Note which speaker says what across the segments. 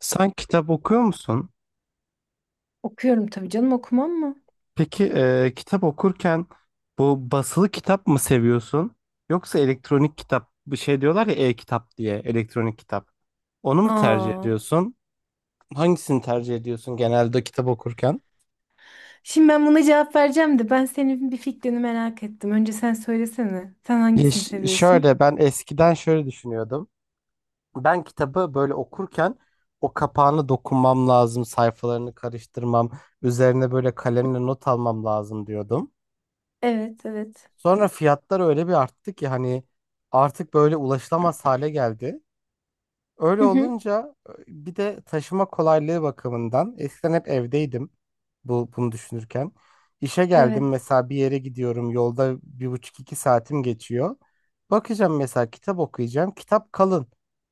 Speaker 1: Sen kitap okuyor musun?
Speaker 2: Okuyorum tabii canım, okumam mı?
Speaker 1: Peki kitap okurken bu basılı kitap mı seviyorsun? Yoksa elektronik kitap bir şey diyorlar ya e-kitap diye elektronik kitap. Onu mu tercih
Speaker 2: Aa.
Speaker 1: ediyorsun? Hangisini tercih ediyorsun genelde kitap okurken?
Speaker 2: Şimdi ben buna cevap vereceğim de ben senin bir fikrini merak ettim. Önce sen söylesene. Sen
Speaker 1: Ya
Speaker 2: hangisini seviyorsun?
Speaker 1: şöyle ben eskiden şöyle düşünüyordum. Ben kitabı böyle okurken o kapağını dokunmam lazım, sayfalarını karıştırmam, üzerine böyle kalemle not almam lazım diyordum.
Speaker 2: Evet, evet.
Speaker 1: Sonra fiyatlar öyle bir arttı ki hani artık böyle ulaşılamaz hale geldi.
Speaker 2: Hı
Speaker 1: Öyle
Speaker 2: hı,
Speaker 1: olunca bir de taşıma kolaylığı bakımından eskiden hep evdeydim bunu düşünürken. İşe geldim,
Speaker 2: evet.
Speaker 1: mesela bir yere gidiyorum, yolda bir buçuk iki saatim geçiyor. Bakacağım mesela, kitap okuyacağım. Kitap kalın.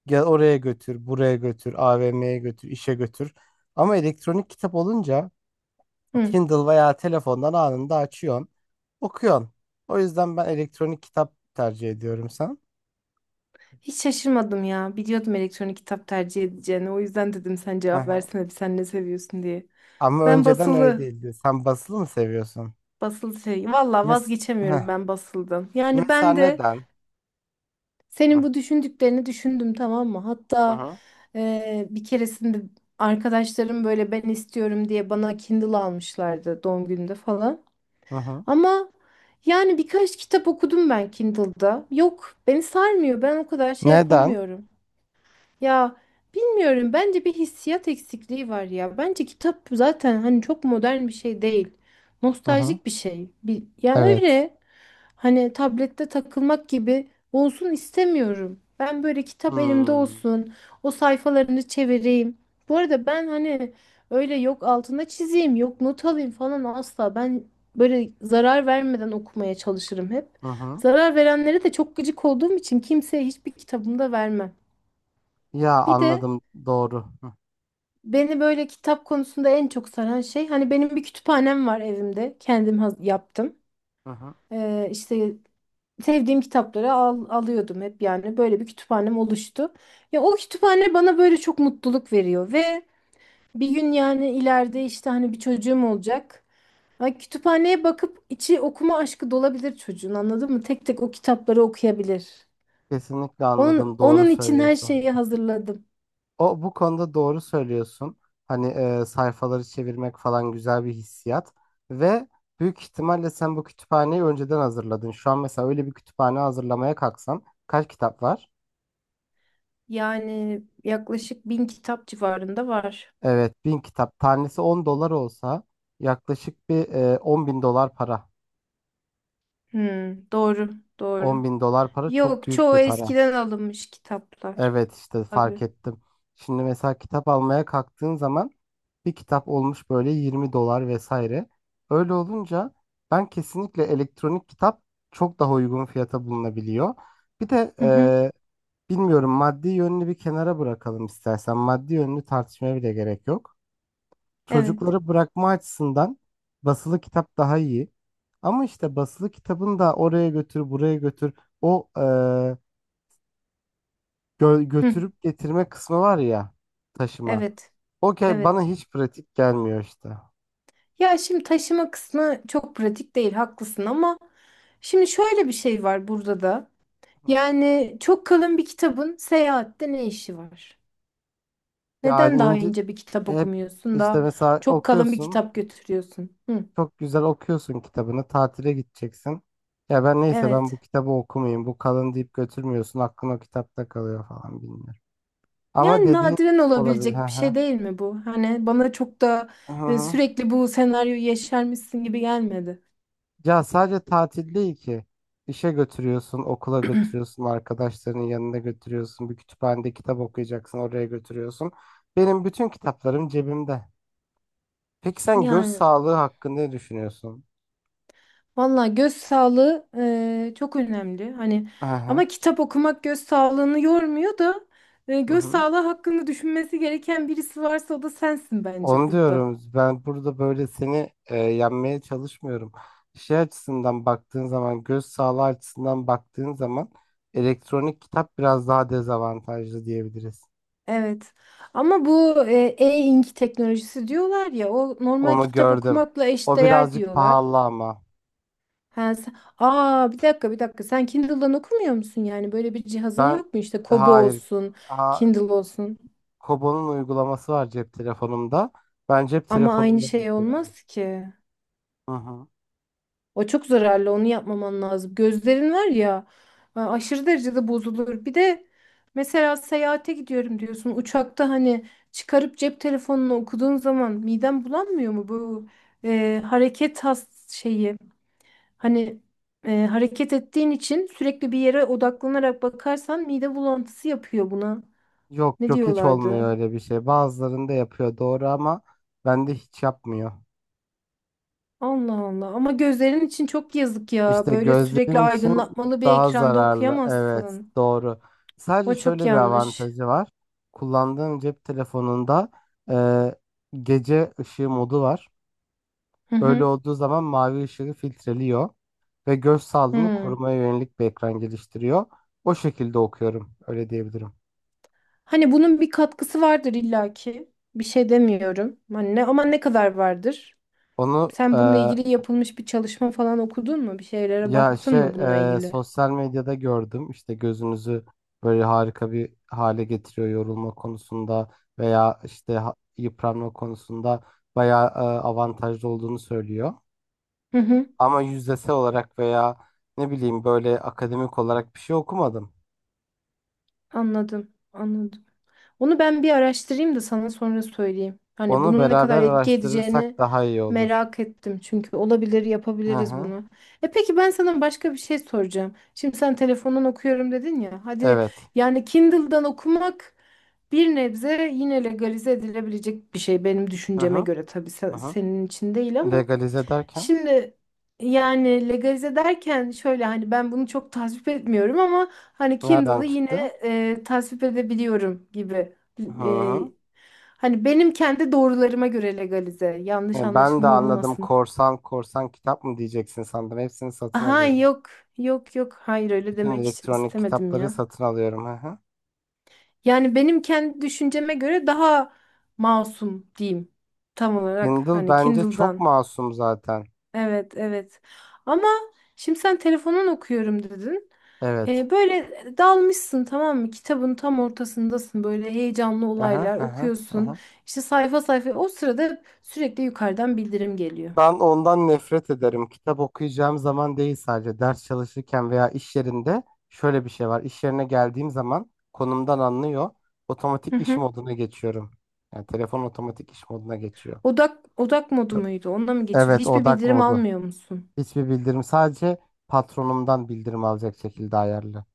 Speaker 1: Gel oraya götür, buraya götür, AVM'ye götür, işe götür. Ama elektronik kitap olunca
Speaker 2: Hı.
Speaker 1: Kindle veya telefondan anında açıyorsun, okuyorsun. O yüzden ben elektronik kitap tercih ediyorum, sen?
Speaker 2: Hiç şaşırmadım ya. Biliyordum elektronik kitap tercih edeceğini. O yüzden dedim sen
Speaker 1: Hı
Speaker 2: cevap
Speaker 1: hı.
Speaker 2: versene, bir sen ne seviyorsun diye.
Speaker 1: Ama
Speaker 2: Ben
Speaker 1: önceden öyle
Speaker 2: basılı.
Speaker 1: değildi. Sen basılı mı seviyorsun?
Speaker 2: Basılı şey. Valla
Speaker 1: Mes
Speaker 2: vazgeçemiyorum,
Speaker 1: Heh.
Speaker 2: ben basıldım. Yani
Speaker 1: Mesela
Speaker 2: ben de
Speaker 1: neden? Hı
Speaker 2: senin bu düşündüklerini düşündüm, tamam mı? Hatta
Speaker 1: hı.
Speaker 2: bir keresinde arkadaşlarım böyle ben istiyorum diye bana Kindle almışlardı doğum günümde falan.
Speaker 1: Hı hı.
Speaker 2: Ama yani birkaç kitap okudum ben Kindle'da. Yok, beni sarmıyor. Ben o kadar şey
Speaker 1: Neden?
Speaker 2: yapamıyorum. Ya bilmiyorum, bence bir hissiyat eksikliği var ya. Bence kitap zaten hani çok modern bir şey değil.
Speaker 1: Hı hı.
Speaker 2: Nostaljik bir şey. Bir, ya
Speaker 1: Evet.
Speaker 2: öyle hani tablette takılmak gibi olsun istemiyorum. Ben böyle kitap elimde
Speaker 1: Hmm.
Speaker 2: olsun. O sayfalarını çevireyim. Bu arada ben hani öyle yok altına çizeyim, yok not alayım falan asla. Ben böyle zarar vermeden okumaya çalışırım hep.
Speaker 1: Hı hı.
Speaker 2: Zarar verenlere de çok gıcık olduğum için kimseye hiçbir kitabımda vermem.
Speaker 1: Ya
Speaker 2: Bir de
Speaker 1: anladım, doğru. Hı
Speaker 2: beni böyle kitap konusunda en çok saran şey, hani benim bir kütüphanem var evimde. Kendim yaptım.
Speaker 1: hı.
Speaker 2: İşte sevdiğim kitapları alıyordum hep, yani böyle bir kütüphanem oluştu. Ya o kütüphane bana böyle çok mutluluk veriyor ve bir gün yani ileride işte hani bir çocuğum olacak. Ay, kütüphaneye bakıp içi okuma aşkı dolabilir çocuğun, anladın mı? Tek tek o kitapları okuyabilir.
Speaker 1: Kesinlikle
Speaker 2: Onun,
Speaker 1: anladım, doğru
Speaker 2: onun için her
Speaker 1: söylüyorsun.
Speaker 2: şeyi hazırladım.
Speaker 1: O, bu konuda doğru söylüyorsun. Hani sayfaları çevirmek falan güzel bir hissiyat ve büyük ihtimalle sen bu kütüphaneyi önceden hazırladın. Şu an mesela öyle bir kütüphane hazırlamaya kalksan kaç kitap var?
Speaker 2: Yani yaklaşık 1000 kitap civarında var.
Speaker 1: Evet, bin kitap. Tanesi 10 dolar olsa yaklaşık bir 10 bin dolar para.
Speaker 2: Hmm, doğru, doğru.
Speaker 1: 10.000 dolar para çok
Speaker 2: Yok,
Speaker 1: büyük bir
Speaker 2: çoğu
Speaker 1: para.
Speaker 2: eskiden alınmış kitaplar.
Speaker 1: Evet, işte fark
Speaker 2: Tabii.
Speaker 1: ettim. Şimdi mesela kitap almaya kalktığın zaman bir kitap olmuş böyle 20 dolar vesaire. Öyle olunca ben kesinlikle elektronik kitap çok daha uygun fiyata bulunabiliyor. Bir de
Speaker 2: Hı hı,
Speaker 1: bilmiyorum, maddi yönünü bir kenara bırakalım istersen. Maddi yönünü tartışmaya bile gerek yok.
Speaker 2: evet.
Speaker 1: Çocukları bırakma açısından basılı kitap daha iyi. Ama işte basılı kitabın da oraya götür buraya götür o
Speaker 2: Hı,
Speaker 1: götürüp getirme kısmı var ya, taşıma.
Speaker 2: evet.
Speaker 1: Okey, bana
Speaker 2: Evet.
Speaker 1: hiç pratik gelmiyor işte. Hı
Speaker 2: Ya şimdi taşıma kısmı çok pratik değil, haklısın, ama şimdi şöyle bir şey var burada da.
Speaker 1: hı.
Speaker 2: Yani çok kalın bir kitabın seyahatte ne işi var?
Speaker 1: Yani
Speaker 2: Neden daha
Speaker 1: ince,
Speaker 2: ince bir kitap
Speaker 1: hep
Speaker 2: okumuyorsun
Speaker 1: işte
Speaker 2: da
Speaker 1: mesela
Speaker 2: çok kalın bir
Speaker 1: okuyorsun.
Speaker 2: kitap götürüyorsun? Hı,
Speaker 1: Çok güzel okuyorsun kitabını. Tatile gideceksin. Ya ben neyse, ben
Speaker 2: evet.
Speaker 1: bu kitabı okumayayım. Bu kalın deyip götürmüyorsun. Aklın o kitapta kalıyor falan, bilmiyorum. Ama
Speaker 2: Yani
Speaker 1: dediğin
Speaker 2: nadiren
Speaker 1: olabilir. Hı
Speaker 2: olabilecek bir
Speaker 1: hı.
Speaker 2: şey değil mi bu? Hani bana çok da
Speaker 1: Hı hı.
Speaker 2: sürekli bu senaryoyu yaşarmışsın gibi gelmedi.
Speaker 1: Ya sadece tatil değil ki. İşe götürüyorsun, okula götürüyorsun, arkadaşlarının yanına götürüyorsun, bir kütüphanede kitap okuyacaksın, oraya götürüyorsun. Benim bütün kitaplarım cebimde. Peki sen göz
Speaker 2: Yani
Speaker 1: sağlığı hakkında ne düşünüyorsun?
Speaker 2: valla göz sağlığı çok önemli. Hani ama
Speaker 1: Aha,
Speaker 2: kitap okumak göz sağlığını yormuyor da
Speaker 1: hı
Speaker 2: göz
Speaker 1: hı.
Speaker 2: sağlığı hakkında düşünmesi gereken birisi varsa o da sensin bence
Speaker 1: Onu
Speaker 2: burada.
Speaker 1: diyorum. Ben burada böyle seni yenmeye çalışmıyorum. Şey açısından baktığın zaman, göz sağlığı açısından baktığın zaman elektronik kitap biraz daha dezavantajlı diyebiliriz.
Speaker 2: Evet. Ama bu e-ink teknolojisi diyorlar ya, o normal
Speaker 1: Onu
Speaker 2: kitap
Speaker 1: gördüm.
Speaker 2: okumakla
Speaker 1: O
Speaker 2: eşdeğer
Speaker 1: birazcık
Speaker 2: diyorlar.
Speaker 1: pahalı ama.
Speaker 2: Ha, Aa, bir dakika, bir dakika. Sen Kindle'dan okumuyor musun yani? Böyle bir cihazın
Speaker 1: Ben
Speaker 2: yok mu? İşte Kobo
Speaker 1: hayır.
Speaker 2: olsun,
Speaker 1: Ha,
Speaker 2: Kindle olsun.
Speaker 1: Kobo'nun uygulaması var cep telefonumda. Ben cep
Speaker 2: Ama aynı
Speaker 1: telefonumda
Speaker 2: şey
Speaker 1: yapıyorum.
Speaker 2: olmaz ki.
Speaker 1: Hı hı.
Speaker 2: O çok zararlı. Onu yapmaman lazım. Gözlerin var ya, aşırı derecede bozulur. Bir de mesela seyahate gidiyorum diyorsun. Uçakta hani çıkarıp cep telefonunu okuduğun zaman miden bulanmıyor mu bu hareket has şeyi? Hani hareket ettiğin için sürekli bir yere odaklanarak bakarsan mide bulantısı yapıyor buna.
Speaker 1: Yok
Speaker 2: Ne
Speaker 1: yok, hiç
Speaker 2: diyorlardı?
Speaker 1: olmuyor öyle bir şey. Bazılarında yapıyor, doğru, ama bende hiç yapmıyor.
Speaker 2: Allah Allah. Ama gözlerin için çok yazık ya.
Speaker 1: İşte
Speaker 2: Böyle sürekli
Speaker 1: gözlerim için
Speaker 2: aydınlatmalı bir
Speaker 1: daha
Speaker 2: ekranda
Speaker 1: zararlı. Evet,
Speaker 2: okuyamazsın.
Speaker 1: doğru. Sadece
Speaker 2: O çok
Speaker 1: şöyle bir
Speaker 2: yanlış.
Speaker 1: avantajı var. Kullandığım cep telefonunda e, gece ışığı modu var.
Speaker 2: Hı
Speaker 1: Öyle
Speaker 2: hı.
Speaker 1: olduğu zaman mavi ışığı filtreliyor ve göz sağlığını
Speaker 2: Hı.
Speaker 1: korumaya yönelik bir ekran geliştiriyor. O şekilde okuyorum, öyle diyebilirim.
Speaker 2: Hani bunun bir katkısı vardır illaki. Bir şey demiyorum. Hani ne, ama ne kadar vardır?
Speaker 1: Onu
Speaker 2: Sen bununla ilgili yapılmış bir çalışma falan okudun mu? Bir şeylere
Speaker 1: ya
Speaker 2: baktın
Speaker 1: şey
Speaker 2: mı bununla ilgili?
Speaker 1: sosyal medyada gördüm. İşte gözünüzü böyle harika bir hale getiriyor yorulma konusunda veya işte yıpranma konusunda bayağı avantajlı olduğunu söylüyor.
Speaker 2: Hı hı.
Speaker 1: Ama yüzdesel olarak veya ne bileyim böyle akademik olarak bir şey okumadım.
Speaker 2: Anladım. Anladım. Onu ben bir araştırayım da sana sonra söyleyeyim. Hani
Speaker 1: Onu
Speaker 2: bunun ne kadar
Speaker 1: beraber
Speaker 2: etki edeceğini
Speaker 1: araştırırsak daha iyi olur.
Speaker 2: merak ettim. Çünkü olabilir,
Speaker 1: Hı
Speaker 2: yapabiliriz
Speaker 1: hı.
Speaker 2: bunu. E peki, ben sana başka bir şey soracağım. Şimdi sen telefondan okuyorum dedin ya. Hadi
Speaker 1: Evet.
Speaker 2: yani Kindle'dan okumak bir nebze yine legalize edilebilecek bir şey benim
Speaker 1: Hı
Speaker 2: düşünceme
Speaker 1: hı.
Speaker 2: göre, tabii
Speaker 1: Hı hı.
Speaker 2: senin için değil, ama
Speaker 1: Legalize derken
Speaker 2: şimdi yani legalize derken şöyle, hani ben bunu çok tasvip etmiyorum ama hani
Speaker 1: nereden
Speaker 2: Kindle'ı yine
Speaker 1: çıktı?
Speaker 2: tasvip edebiliyorum gibi.
Speaker 1: Hı
Speaker 2: E,
Speaker 1: hı.
Speaker 2: Hani benim kendi doğrularıma göre legalize. Yanlış
Speaker 1: Ben de
Speaker 2: anlaşılma
Speaker 1: anladım,
Speaker 2: olmasın.
Speaker 1: korsan korsan kitap mı diyeceksin sandım. Hepsini satın
Speaker 2: Aha,
Speaker 1: alıyorum.
Speaker 2: yok, yok hayır, öyle
Speaker 1: Bütün
Speaker 2: demek hiç
Speaker 1: elektronik
Speaker 2: istemedim
Speaker 1: kitapları
Speaker 2: ya.
Speaker 1: satın alıyorum. Hı hı.
Speaker 2: Yani benim kendi düşünceme göre daha masum diyeyim, tam olarak,
Speaker 1: Kindle
Speaker 2: hani
Speaker 1: bence çok
Speaker 2: Kindle'dan.
Speaker 1: masum zaten.
Speaker 2: Evet, evet. Ama şimdi sen telefondan okuyorum dedin.
Speaker 1: Evet.
Speaker 2: Böyle dalmışsın, tamam mı? Kitabın tam ortasındasın. Böyle heyecanlı
Speaker 1: Hı hı,
Speaker 2: olaylar
Speaker 1: hı hı. hı
Speaker 2: okuyorsun.
Speaker 1: hı.
Speaker 2: İşte sayfa sayfa. O sırada sürekli yukarıdan bildirim geliyor.
Speaker 1: Ben ondan nefret ederim. Kitap okuyacağım zaman değil, sadece ders çalışırken veya iş yerinde şöyle bir şey var. İş yerine geldiğim zaman konumdan anlıyor.
Speaker 2: Hı
Speaker 1: Otomatik iş
Speaker 2: hı.
Speaker 1: moduna geçiyorum. Yani telefon otomatik iş moduna geçiyor.
Speaker 2: Odak, odak modu muydu? Onda mı geçiyorsun?
Speaker 1: Evet,
Speaker 2: Hiçbir
Speaker 1: odak
Speaker 2: bildirim
Speaker 1: modu.
Speaker 2: almıyor musun?
Speaker 1: Hiçbir bildirim, sadece patronumdan bildirim alacak şekilde ayarlı.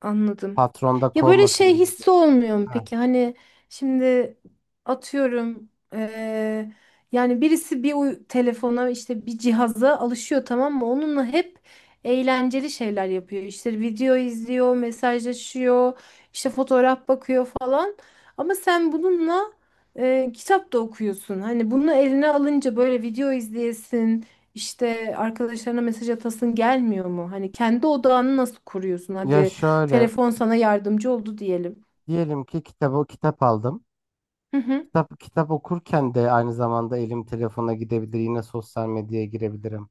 Speaker 2: Anladım.
Speaker 1: Patronda
Speaker 2: Ya böyle
Speaker 1: kovmasın
Speaker 2: şey
Speaker 1: bizi
Speaker 2: hissi
Speaker 1: diye.
Speaker 2: olmuyor mu
Speaker 1: Ha.
Speaker 2: peki? Hani şimdi atıyorum, yani birisi bir telefona, işte bir cihaza alışıyor, tamam mı? Onunla hep eğlenceli şeyler yapıyor. İşte video izliyor, mesajlaşıyor, işte fotoğraf bakıyor falan. Ama sen bununla kitap da okuyorsun. Hani bunu eline alınca böyle video izleyesin, işte arkadaşlarına mesaj atasın gelmiyor mu? Hani kendi odağını nasıl kuruyorsun?
Speaker 1: Ya
Speaker 2: Hadi
Speaker 1: şöyle
Speaker 2: telefon sana yardımcı oldu diyelim.
Speaker 1: diyelim ki kitap aldım.
Speaker 2: Hı hı.
Speaker 1: Kitap kitap okurken de aynı zamanda elim telefona gidebilir. Yine sosyal medyaya girebilirim.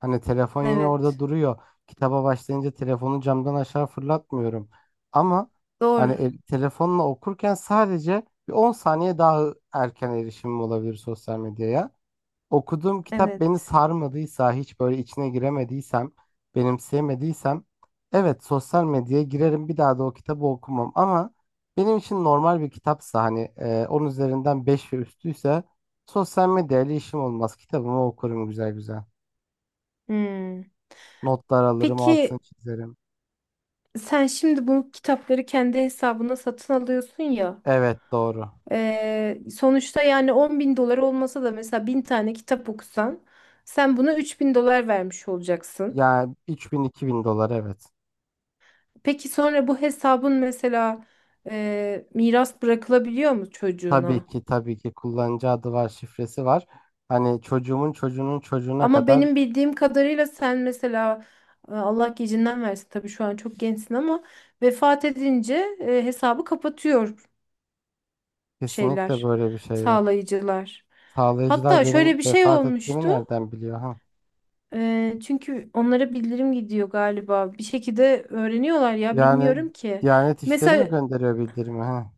Speaker 1: Hani telefon yine orada
Speaker 2: Evet.
Speaker 1: duruyor. Kitaba başlayınca telefonu camdan aşağı fırlatmıyorum. Ama hani
Speaker 2: Doğru.
Speaker 1: telefonla okurken sadece bir 10 saniye daha erken erişimim olabilir sosyal medyaya. Okuduğum kitap beni
Speaker 2: Evet.
Speaker 1: sarmadıysa, hiç böyle içine giremediysem, benimseyemediysem, evet sosyal medyaya girerim, bir daha da o kitabı okumam. Ama benim için normal bir kitapsa, hani 10 üzerinden 5 ve üstüyse, sosyal medyayla işim olmaz. Kitabımı okurum güzel güzel.
Speaker 2: Hmm.
Speaker 1: Notlar alırım, altını
Speaker 2: Peki,
Speaker 1: çizerim.
Speaker 2: sen şimdi bu kitapları kendi hesabına satın alıyorsun ya.
Speaker 1: Evet, doğru.
Speaker 2: Sonuçta yani 10.000 dolar olmasa da mesela 1000 tane kitap okusan sen buna 3000 dolar vermiş olacaksın.
Speaker 1: Yani 3.000, 2.000 dolar, evet.
Speaker 2: Peki sonra bu hesabın mesela miras bırakılabiliyor mu
Speaker 1: Tabii
Speaker 2: çocuğuna?
Speaker 1: ki tabii ki, kullanıcı adı var, şifresi var. Hani çocuğumun çocuğunun çocuğuna
Speaker 2: Ama
Speaker 1: kadar
Speaker 2: benim bildiğim kadarıyla sen mesela Allah gecinden versin tabii, şu an çok gençsin, ama vefat edince hesabı kapatıyor
Speaker 1: kesinlikle
Speaker 2: şeyler,
Speaker 1: böyle bir şey yok.
Speaker 2: sağlayıcılar.
Speaker 1: Sağlayıcılar
Speaker 2: Hatta
Speaker 1: benim
Speaker 2: şöyle bir şey
Speaker 1: vefat ettiğimi
Speaker 2: olmuştu.
Speaker 1: nereden biliyor ha?
Speaker 2: Çünkü onlara bildirim gidiyor galiba. Bir şekilde öğreniyorlar ya,
Speaker 1: Yani
Speaker 2: bilmiyorum ki.
Speaker 1: Diyanet İşleri mi
Speaker 2: Mesela
Speaker 1: gönderiyor bildirimi ha?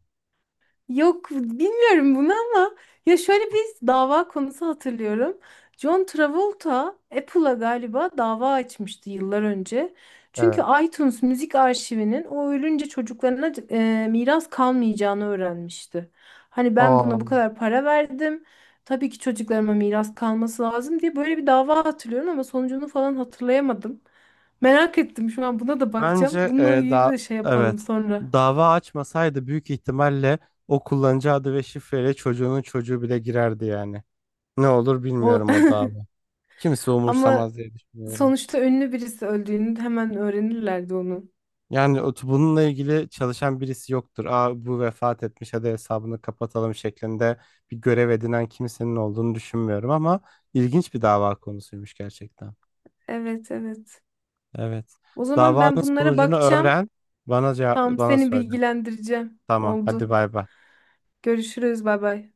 Speaker 2: yok, bilmiyorum bunu, ama ya şöyle bir dava konusu hatırlıyorum. John Travolta Apple'a galiba dava açmıştı yıllar önce. Çünkü
Speaker 1: Evet.
Speaker 2: iTunes müzik arşivinin o ölünce çocuklarına miras kalmayacağını öğrenmişti. Hani ben
Speaker 1: O
Speaker 2: buna bu kadar para verdim. Tabii ki çocuklarıma miras kalması lazım diye böyle bir dava hatırlıyorum ama sonucunu falan hatırlayamadım. Merak ettim, şu an buna da bakacağım.
Speaker 1: bence
Speaker 2: Bununla ilgili
Speaker 1: da,
Speaker 2: de şey yapalım
Speaker 1: evet,
Speaker 2: sonra.
Speaker 1: dava açmasaydı büyük ihtimalle o kullanıcı adı ve şifreyle çocuğunun çocuğu bile girerdi yani. Ne olur
Speaker 2: O-
Speaker 1: bilmiyorum o dava. Kimse
Speaker 2: Ama
Speaker 1: umursamaz diye düşünüyorum.
Speaker 2: sonuçta ünlü birisi öldüğünü hemen öğrenirlerdi onu.
Speaker 1: Yani bununla ilgili çalışan birisi yoktur. Aa, bu vefat etmiş, hadi hesabını kapatalım şeklinde bir görev edinen kimsenin olduğunu düşünmüyorum, ama ilginç bir dava konusuymuş gerçekten.
Speaker 2: Evet, evet.
Speaker 1: Evet.
Speaker 2: O zaman ben
Speaker 1: Davanın
Speaker 2: bunlara
Speaker 1: sonucunu
Speaker 2: bakacağım.
Speaker 1: öğren, bana cevap,
Speaker 2: Tamam,
Speaker 1: bana
Speaker 2: seni
Speaker 1: söyle.
Speaker 2: bilgilendireceğim.
Speaker 1: Tamam, hadi
Speaker 2: Oldu.
Speaker 1: bay bay.
Speaker 2: Görüşürüz, bay bay.